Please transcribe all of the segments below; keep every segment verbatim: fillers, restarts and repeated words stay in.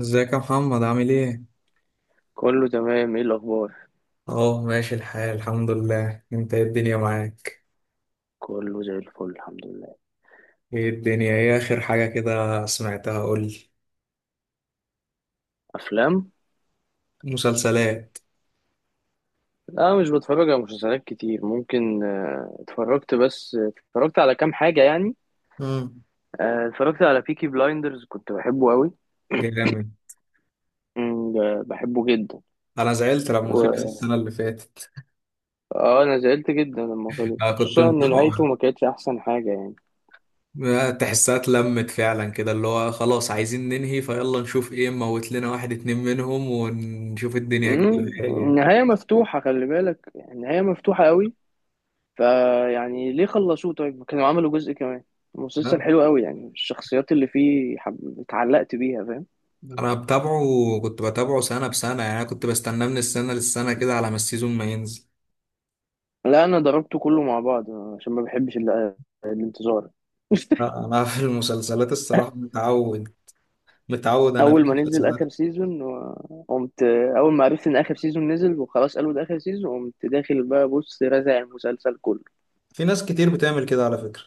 ازيك يا محمد عامل ايه؟ كله تمام، ايه الاخبار؟ اه، ماشي الحال، الحمد لله. انت ايه الدنيا معاك؟ كله زي الفل، الحمد لله. ايه الدنيا؟ ايه اخر حاجة كده سمعتها؟ قولي. افلام. مسلسلات. لا، مش بتفرج على مسلسلات كتير. ممكن آه، اتفرجت. بس اتفرجت على كام حاجه يعني. امم. آه، اتفرجت على بيكي بلايندرز، كنت بحبه قوي. جامد. مم، ب- بحبه جدا. انا زعلت لما خلص و... السنة اللي فاتت. اه انا زعلت جدا لما خلص، انا كنت خصوصا ان نهايته متابعه. ما كانتش احسن حاجه يعني. تحسها اتلمت فعلا، كده اللي هو خلاص عايزين ننهي فيلا نشوف ايه، نموت لنا واحد اتنين منهم ونشوف الدنيا كده مم، فيها ايه. النهايه مفتوحه، خلي بالك، النهايه مفتوحه قوي. فيعني ليه خلصوه؟ طيب كانوا عملوا جزء كمان. مسلسل لا، حلو قوي يعني، الشخصيات اللي فيه حب... اتعلقت بيها، فاهم؟ انا بتابعه. كنت بتابعه سنة بسنة، يعني انا كنت بستناه من السنة للسنة كده على ما السيزون ما ينزل. لا، انا ضربته كله مع بعض عشان ما بحبش ال... الانتظار. لا، انا في المسلسلات الصراحه متعود. متعود انا في اول ما نزل المسلسلات. اخر سيزون و- قمت. اول ما عرفت ان اخر سيزون نزل وخلاص، قالوا ده اخر سيزون، قمت داخل بقى بص رازع المسلسل كله. في ناس كتير بتعمل كده على فكره.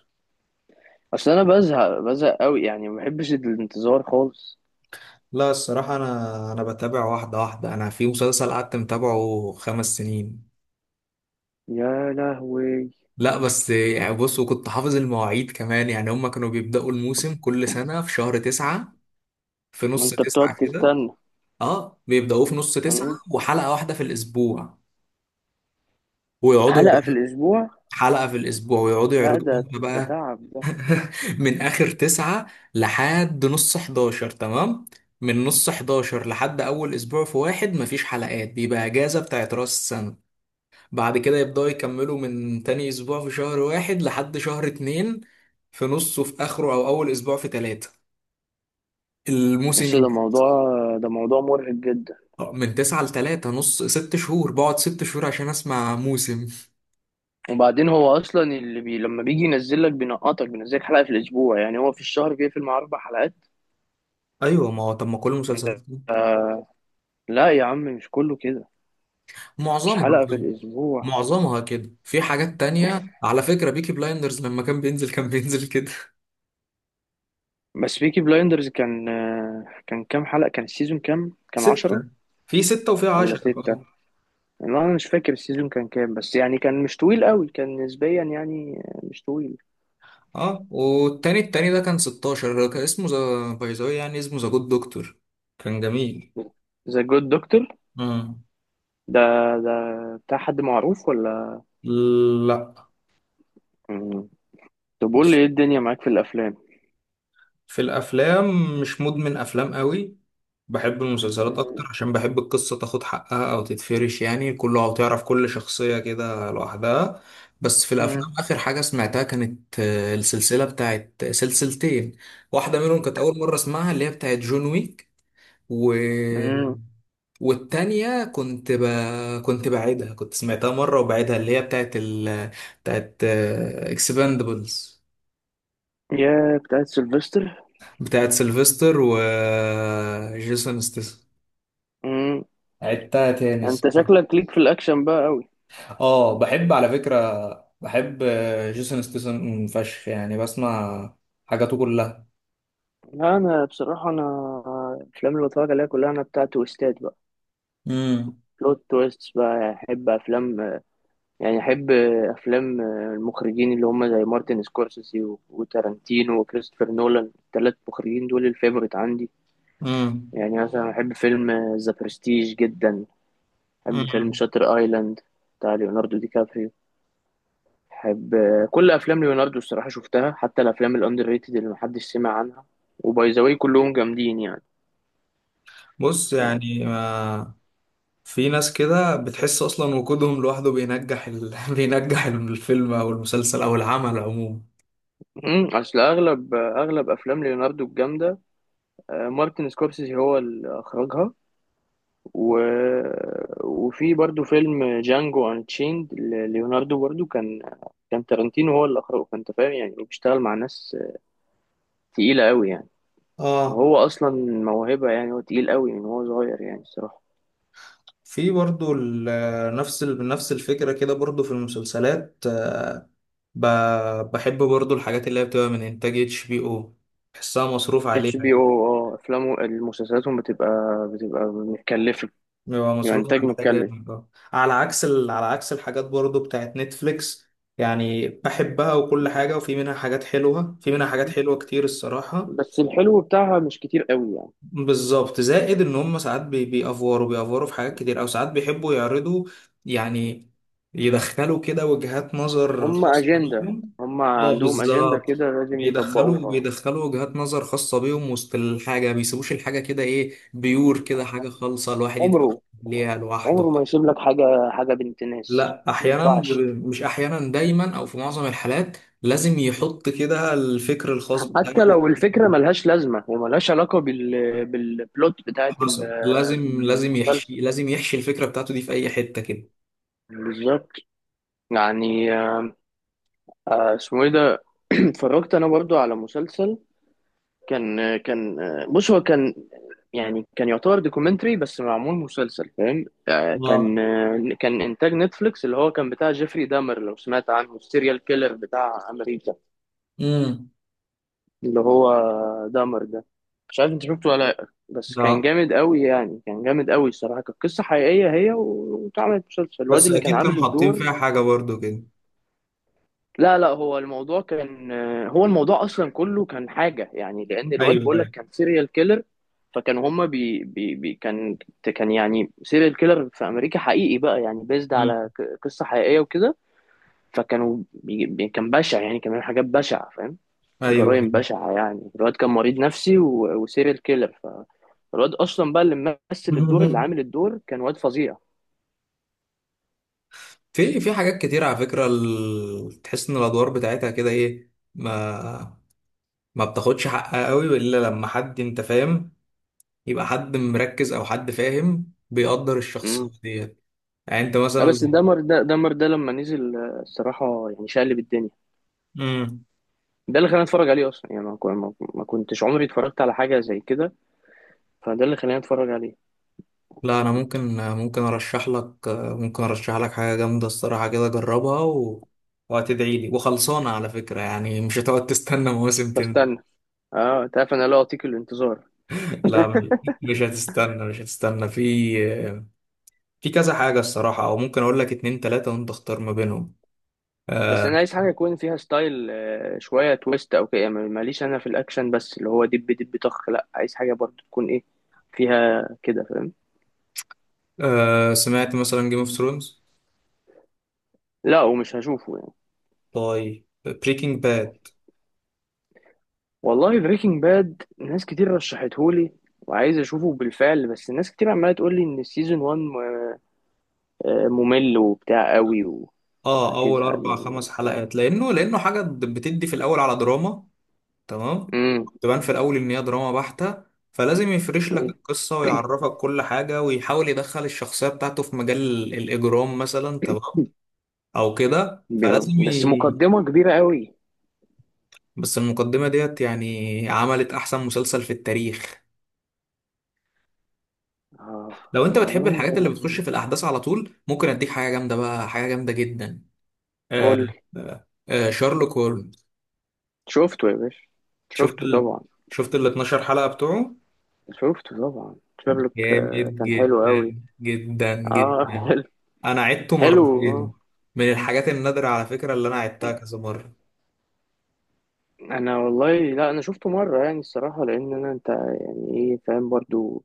اصل انا بزهق، بزهق قوي يعني، ما بحبش الانتظار خالص. لا، الصراحه انا انا بتابع واحده واحده. انا في مسلسل قعدت متابعه خمس سنين. يا لهوي، لا بس، يعني بص، وكنت حافظ المواعيد كمان، يعني هما كانوا بيبداوا الموسم كل سنه في شهر تسعة. في نص انت بتقعد تسعة كده. تستنى؟ اه، بيبداوه في نص تسعة، مم. وحلقه واحده في الاسبوع. ويقعدوا حلقة في يعرضوا. الاسبوع؟ حلقه في الاسبوع ويقعدوا لا، يعرضوا. ده ده بقى تعب ده. من اخر تسعة لحد نص حداشر تمام. من نص حداشر لحد اول اسبوع في واحد مفيش حلقات، بيبقى اجازة بتاعت راس السنة. بعد كده يبدأوا يكملوا من تاني اسبوع في شهر واحد لحد شهر اتنين. في نصه، في اخره، او اول اسبوع في تلاتة الموسم بس ده يبدأ. موضوع، ده موضوع مرهق جدا. من تسعة لتلاتة نص ست شهور، بقعد ست شهور عشان اسمع موسم. وبعدين هو اصلا اللي بي لما بيجي ينزل لك بينقطك، بينزل لك حلقه في الاسبوع، يعني هو في الشهر بيقفل مع اربع حلقات. ايوه، ما هو طب، ما كل المسلسلات ده كده. لا يا عم، مش كله كده. مش معظمها حلقه في كده. الاسبوع. معظمها كده، في حاجات تانية على فكرة بيكي بلايندرز لما كان بينزل كان بينزل كده. بس بيكي بلايندرز كان، كان كام حلقه؟ كان السيزون كام؟ كان عشرة ستة. في ستة وفي ولا عشرة، ستة؟ اه. لا انا مش فاكر السيزون كان كام، بس يعني كان مش طويل قوي، كان نسبيا يعني مش طويل. اه، والتاني، التاني ده كان ستاشر. كان اسمه ذا باي ذا واي، يعني اسمه ذا جود دكتور. كان جميل. ذا جود دكتور. مم. ده ده بتاع حد معروف لا. ولا؟ طب قول لي، ايه الدنيا معاك في الافلام؟ في الأفلام مش مدمن أفلام قوي. بحب المسلسلات أكتر، مم. عشان بحب القصة تاخد حقها أو تتفرش، يعني كله، أو تعرف كل شخصية كده لوحدها. بس في مم. الأفلام آخر حاجة سمعتها كانت آه، السلسلة بتاعت سلسلتين. واحدة منهم كانت أول مرة أسمعها، اللي هي بتاعت جون ويك. و... مم. والتانية كنت ب... كنت بعيدها، كنت سمعتها مرة وبعيدها اللي هي بتاعت ال... بتاعت اكسباندبلز، يا بتاعت سيلفستر. بتاعت سيلفستر وجيسون ستاثام. مم. عدتها تاني انت الصراحة. شكلك ليك في الاكشن بقى قوي. اه، بحب على فكرة. بحب، آه، جيسون ستاثام فشخ، يعني بسمع حاجاته كلها. لا انا بصراحه انا الافلام اللي بتفرج عليها كلها انا بتاعت تويستات بقى. امم، بلوت تويست، بقى احب افلام، يعني احب افلام المخرجين اللي هم زي مارتن سكورسيزي و- وتارانتينو وكريستوفر نولان. الثلاث مخرجين دول الفيفوريت عندي. امم، يعني مثلا احب فيلم ذا برستيج جدا. احب فيلم امم. شاتر ايلاند بتاع ليوناردو دي كابريو. بحب كل افلام ليوناردو الصراحه، شفتها حتى الافلام الاندر ريتد اللي محدش سمع عنها. وباي ذا واي كلهم جامدين يعني، بص فاهم؟ يعني. ما في ناس كده بتحس اصلا وجودهم لوحده بينجح ال... بينجح الفيلم او المسلسل او العمل عموما. امم، اصل اغلب اغلب افلام ليوناردو الجامده، آه، مارتن سكورسيزي هو اللي اخرجها. و... وفي برضو فيلم جانجو انشيند، ليوناردو برضو كان، كان تارانتينو هو اللي اخرجه. فانت فاهم يعني هو بيشتغل مع ناس تقيله قوي يعني. اه، وهو اصلا موهبه، يعني هو تقيل قوي من هو صغير يعني الصراحه. في برضو ال- نفس ال- نفس الفكرة كده برضو في المسلسلات. آه، ب- بحب برضو الحاجات اللي هي بتبقى من إنتاج اتش بي أو، بحسها مصروف عليها اتش بي كده. او، اه، افلامه مسلسلاتهم بتبقى، بتبقى متكلفه. بيبقى يعني مصروف انتاج عليها متكلف. جامد. آه. على عكس ال... على عكس الحاجات برضو بتاعت نتفليكس. يعني بحبها وكل حاجة، وفي منها حاجات حلوة، في منها حاجات حلوة كتير الصراحة. بس الحلو بتاعها مش كتير قوي يعني. بالظبط، زائد ان هم ساعات بي- بيأفوروا بيأفوروا في حاجات كتير، او ساعات بيحبوا يعرضوا يعني يدخلوا كده وجهات نظر هم خاصة اجنده، بيهم. هم اه، عندهم اجنده بالظبط. كده لازم بيدخلوا يطبقوها. بيدخلوا وجهات نظر خاصة بيهم وسط الحاجة، ما بيسيبوش الحاجة كده ايه بيور، كده حاجة خالصة الواحد يتفرج عمره عليها لوحده. عمره ما يسيب لك حاجه، حاجه بنت ناس لا، ما احيانا ب- ينفعش. مش احيانا، دايما او في معظم الحالات لازم يحط كده الفكر الخاص بتاعه. حتى لو الفكره ملهاش لازمه وملهاش علاقه بال بالبلوت بتاعت ال- حصل. لازم لازم يحشي المسلسل. لازم يحشي الفكرة بتاعته دي في أي حتة كده. بالظبط. يعني آه، اسمه ايه ده؟ اتفرجت انا برضو على مسلسل، كان كان بص هو كان، يعني كان يعتبر دوكيومنتري بس معمول مسلسل، فاهم؟ آه، اه. كان، آه، كان انتاج نتفليكس، اللي هو كان بتاع جيفري دامر. لو سمعت عنه، السيريال كيلر بتاع امريكا، امم. اللي هو دامر ده. مش عارف انت شفته ولا لأ، بس كان اه، جامد قوي يعني، كان جامد قوي الصراحه. كانت قصه حقيقيه هي و- واتعملت مسلسل. الواد بس اللي كان أكيد كانوا عامل حاطين فيها الدور، حاجة برضو كده. لا لا، هو الموضوع كان، هو الموضوع اصلا كله كان حاجه يعني، لان الواد ايوه، بقول لك ايوه. كان سيريال كيلر. فكان هما بي بي بي كان، كان يعني سيريال كيلر في امريكا حقيقي بقى، يعني بيزد مم. على ك- قصه حقيقيه وكده. فكانوا بي بي- كان بشع يعني، كان بيعمل حاجات بشعه، فاهم؟ أيوه، أيوة. جرائم بشعه يعني. الواد كان مريض نفسي و- وسيريال كيلر. فالواد اصلا بقى اللي ممثل الدور اللي عامل الدور كان واد فظيع. في في حاجات كتير على فكرة، ال... تحس إن الأدوار بتاعتها كده إيه، ما ما بتاخدش حقها قوي إلا لما حد، أنت فاهم، يبقى حد مركز أو حد فاهم بيقدر الشخصية امم. ديت. يعني أنت بس مثلا. دمر ده دمر ده لما نزل آه، الصراحه يعني شقلب الدنيا. مم. ده اللي خلاني اتفرج عليه اصلا، يعني ما كو- ما- ما كنتش عمري اتفرجت على حاجه زي كده، فده اللي خلاني اتفرج عليه. لا، انا ممكن ممكن ارشح لك ممكن ارشح لك حاجه جامده الصراحه كده، جربها، و... وهتدعي لي، وخلصانه على فكره يعني مش هتقعد تستنى مواسم تاني. بستنى. اه انت عارف انا لا اطيق الانتظار. لا. مش هتستنى مش هتستنى في في كذا حاجه الصراحه، او ممكن اقول لك اتنين تلاته وانت اختار ما بينهم. بس انا آه عايز حاجه يكون فيها ستايل، آه، شويه تويست او كده، يعني ماليش انا في الاكشن بس اللي هو دب دب طخ، لا عايز حاجه برضو تكون ايه، فيها كده، فاهم؟ آه سمعت مثلا جيم اوف ثرونز. لا ومش هشوفه يعني. طيب، بريكنج باد. والله بريكنج باد ناس كتير رشحتهولي وعايز اشوفه بالفعل، بس ناس كتير عماله تقول لي ان سيزون واحد ممل وبتاع قوي و- اه، اول وهتزهق اربع منه خمس وبتاع. حلقات لانه لانه حاجه بتدي في الاول على دراما. تمام. تبان في الاول ان هي دراما بحتة، فلازم يفرش لك القصة ويعرفك كل حاجة ويحاول يدخل الشخصية بتاعته في مجال ال- الاجرام مثلا. تمام، او كده. فلازم ب- بس ي... مقدمة كبيرة قوي. بس المقدمة ديت يعني عملت احسن مسلسل في التاريخ. اه. لو انت بتحب والله الحاجات اللي بتخش ما- في الاحداث على طول، ممكن اديك حاجة جامدة بقى، حاجة جامدة جدا. قول آه لي. آه آه شارلوك هولمز. شفته يا باشا، شفت شفته ال... طبعا. شفت ال اتناشر حلقة بتوعه. شفته طبعا شيرلوك، جامد آه، كان حلو جدا قوي. جدا اه جدا. حلو، انا عدته حلو اه. مرتين. من الحاجات النادرة على فكرة اللي انا عدتها كذا مرة. انا والله لا انا شفته مرة يعني الصراحة، لان انا، انت يعني ايه، فاهم؟ برضو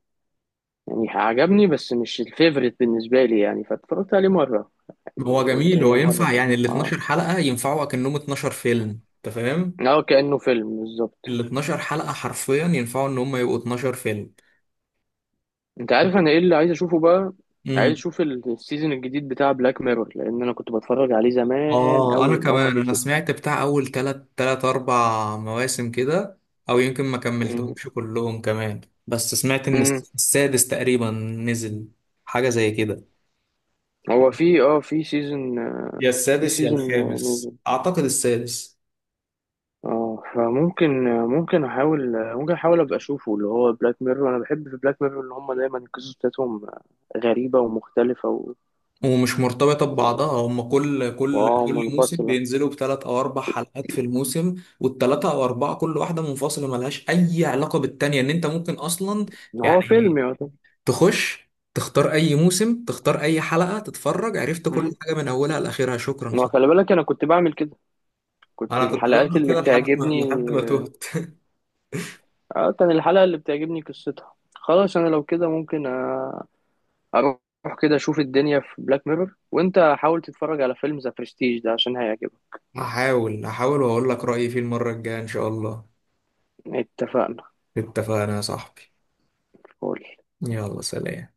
يعني عجبني بس مش الفيفوريت بالنسبة لي يعني، فاتفرجت عليه مرة، هو يعني قلت جميل، هو هي مرة ينفع، حلوة. يعني ال اه. اتناشر حلقة ينفعوا اكنهم اتناشر فيلم. انت فاهم، اه كأنه فيلم بالظبط. ال اتناشر حلقة حرفيا ينفعوا ان هم يبقوا اتناشر فيلم. انت عارف انا ايه اللي عايز اشوفه بقى؟ عايز امم. اشوف ال- السيزون الجديد بتاع بلاك ميرور، لان انا كنت بتفرج عليه زمان اه، انا قوي من اول ما كمان، انا نزل. سمعت بتاع اول تلات تلات اربع مواسم كده، او يمكن ما مم. كملتهمش كلهم كمان. بس سمعت ان مم. الس- السادس تقريبا نزل. حاجة زي كده. هو في، اه في سيزون، يا في السادس يا سيزون الخامس، نزل. اعتقد السادس. اه، فممكن، ممكن احاول ممكن احاول ابقى اشوفه، اللي هو بلاك ميرور. انا بحب في بلاك ميرور ان هم دايما القصص بتاعتهم غريبة ومختلفة و... ومش مرتبطة ببعضها، هم كل كل واه كل موسم منفصلة. بينزلوا بثلاث أو أربع حلقات في الموسم. والثلاثة أو أربعة كل واحدة منفصلة ملهاش أي علاقة بالتانية، إن أنت ممكن أصلا، ان هو فيلم يعني يعتبر. تخش تختار أي موسم، تختار أي حلقة تتفرج، عرفت كل مم. حاجة من أولها لآخرها. شكرا ما خلاص. خلي بالك انا كنت بعمل كده، كنت أنا كنت الحلقات بعمل اللي كده لحد ما بتعجبني، لحد ما تهت آه، كان الحلقة اللي بتعجبني قصتها خلاص. أنا لو كده ممكن، آه، أروح كده أشوف الدنيا في بلاك ميرور، وأنت حاول تتفرج على فيلم ذا برستيج ده عشان هيعجبك. هحاول هحاول وأقول لك رأيي فيه المرة الجاية، إن شاء الله. اتفقنا. اتفقنا يا صاحبي. قول. يلا سلام.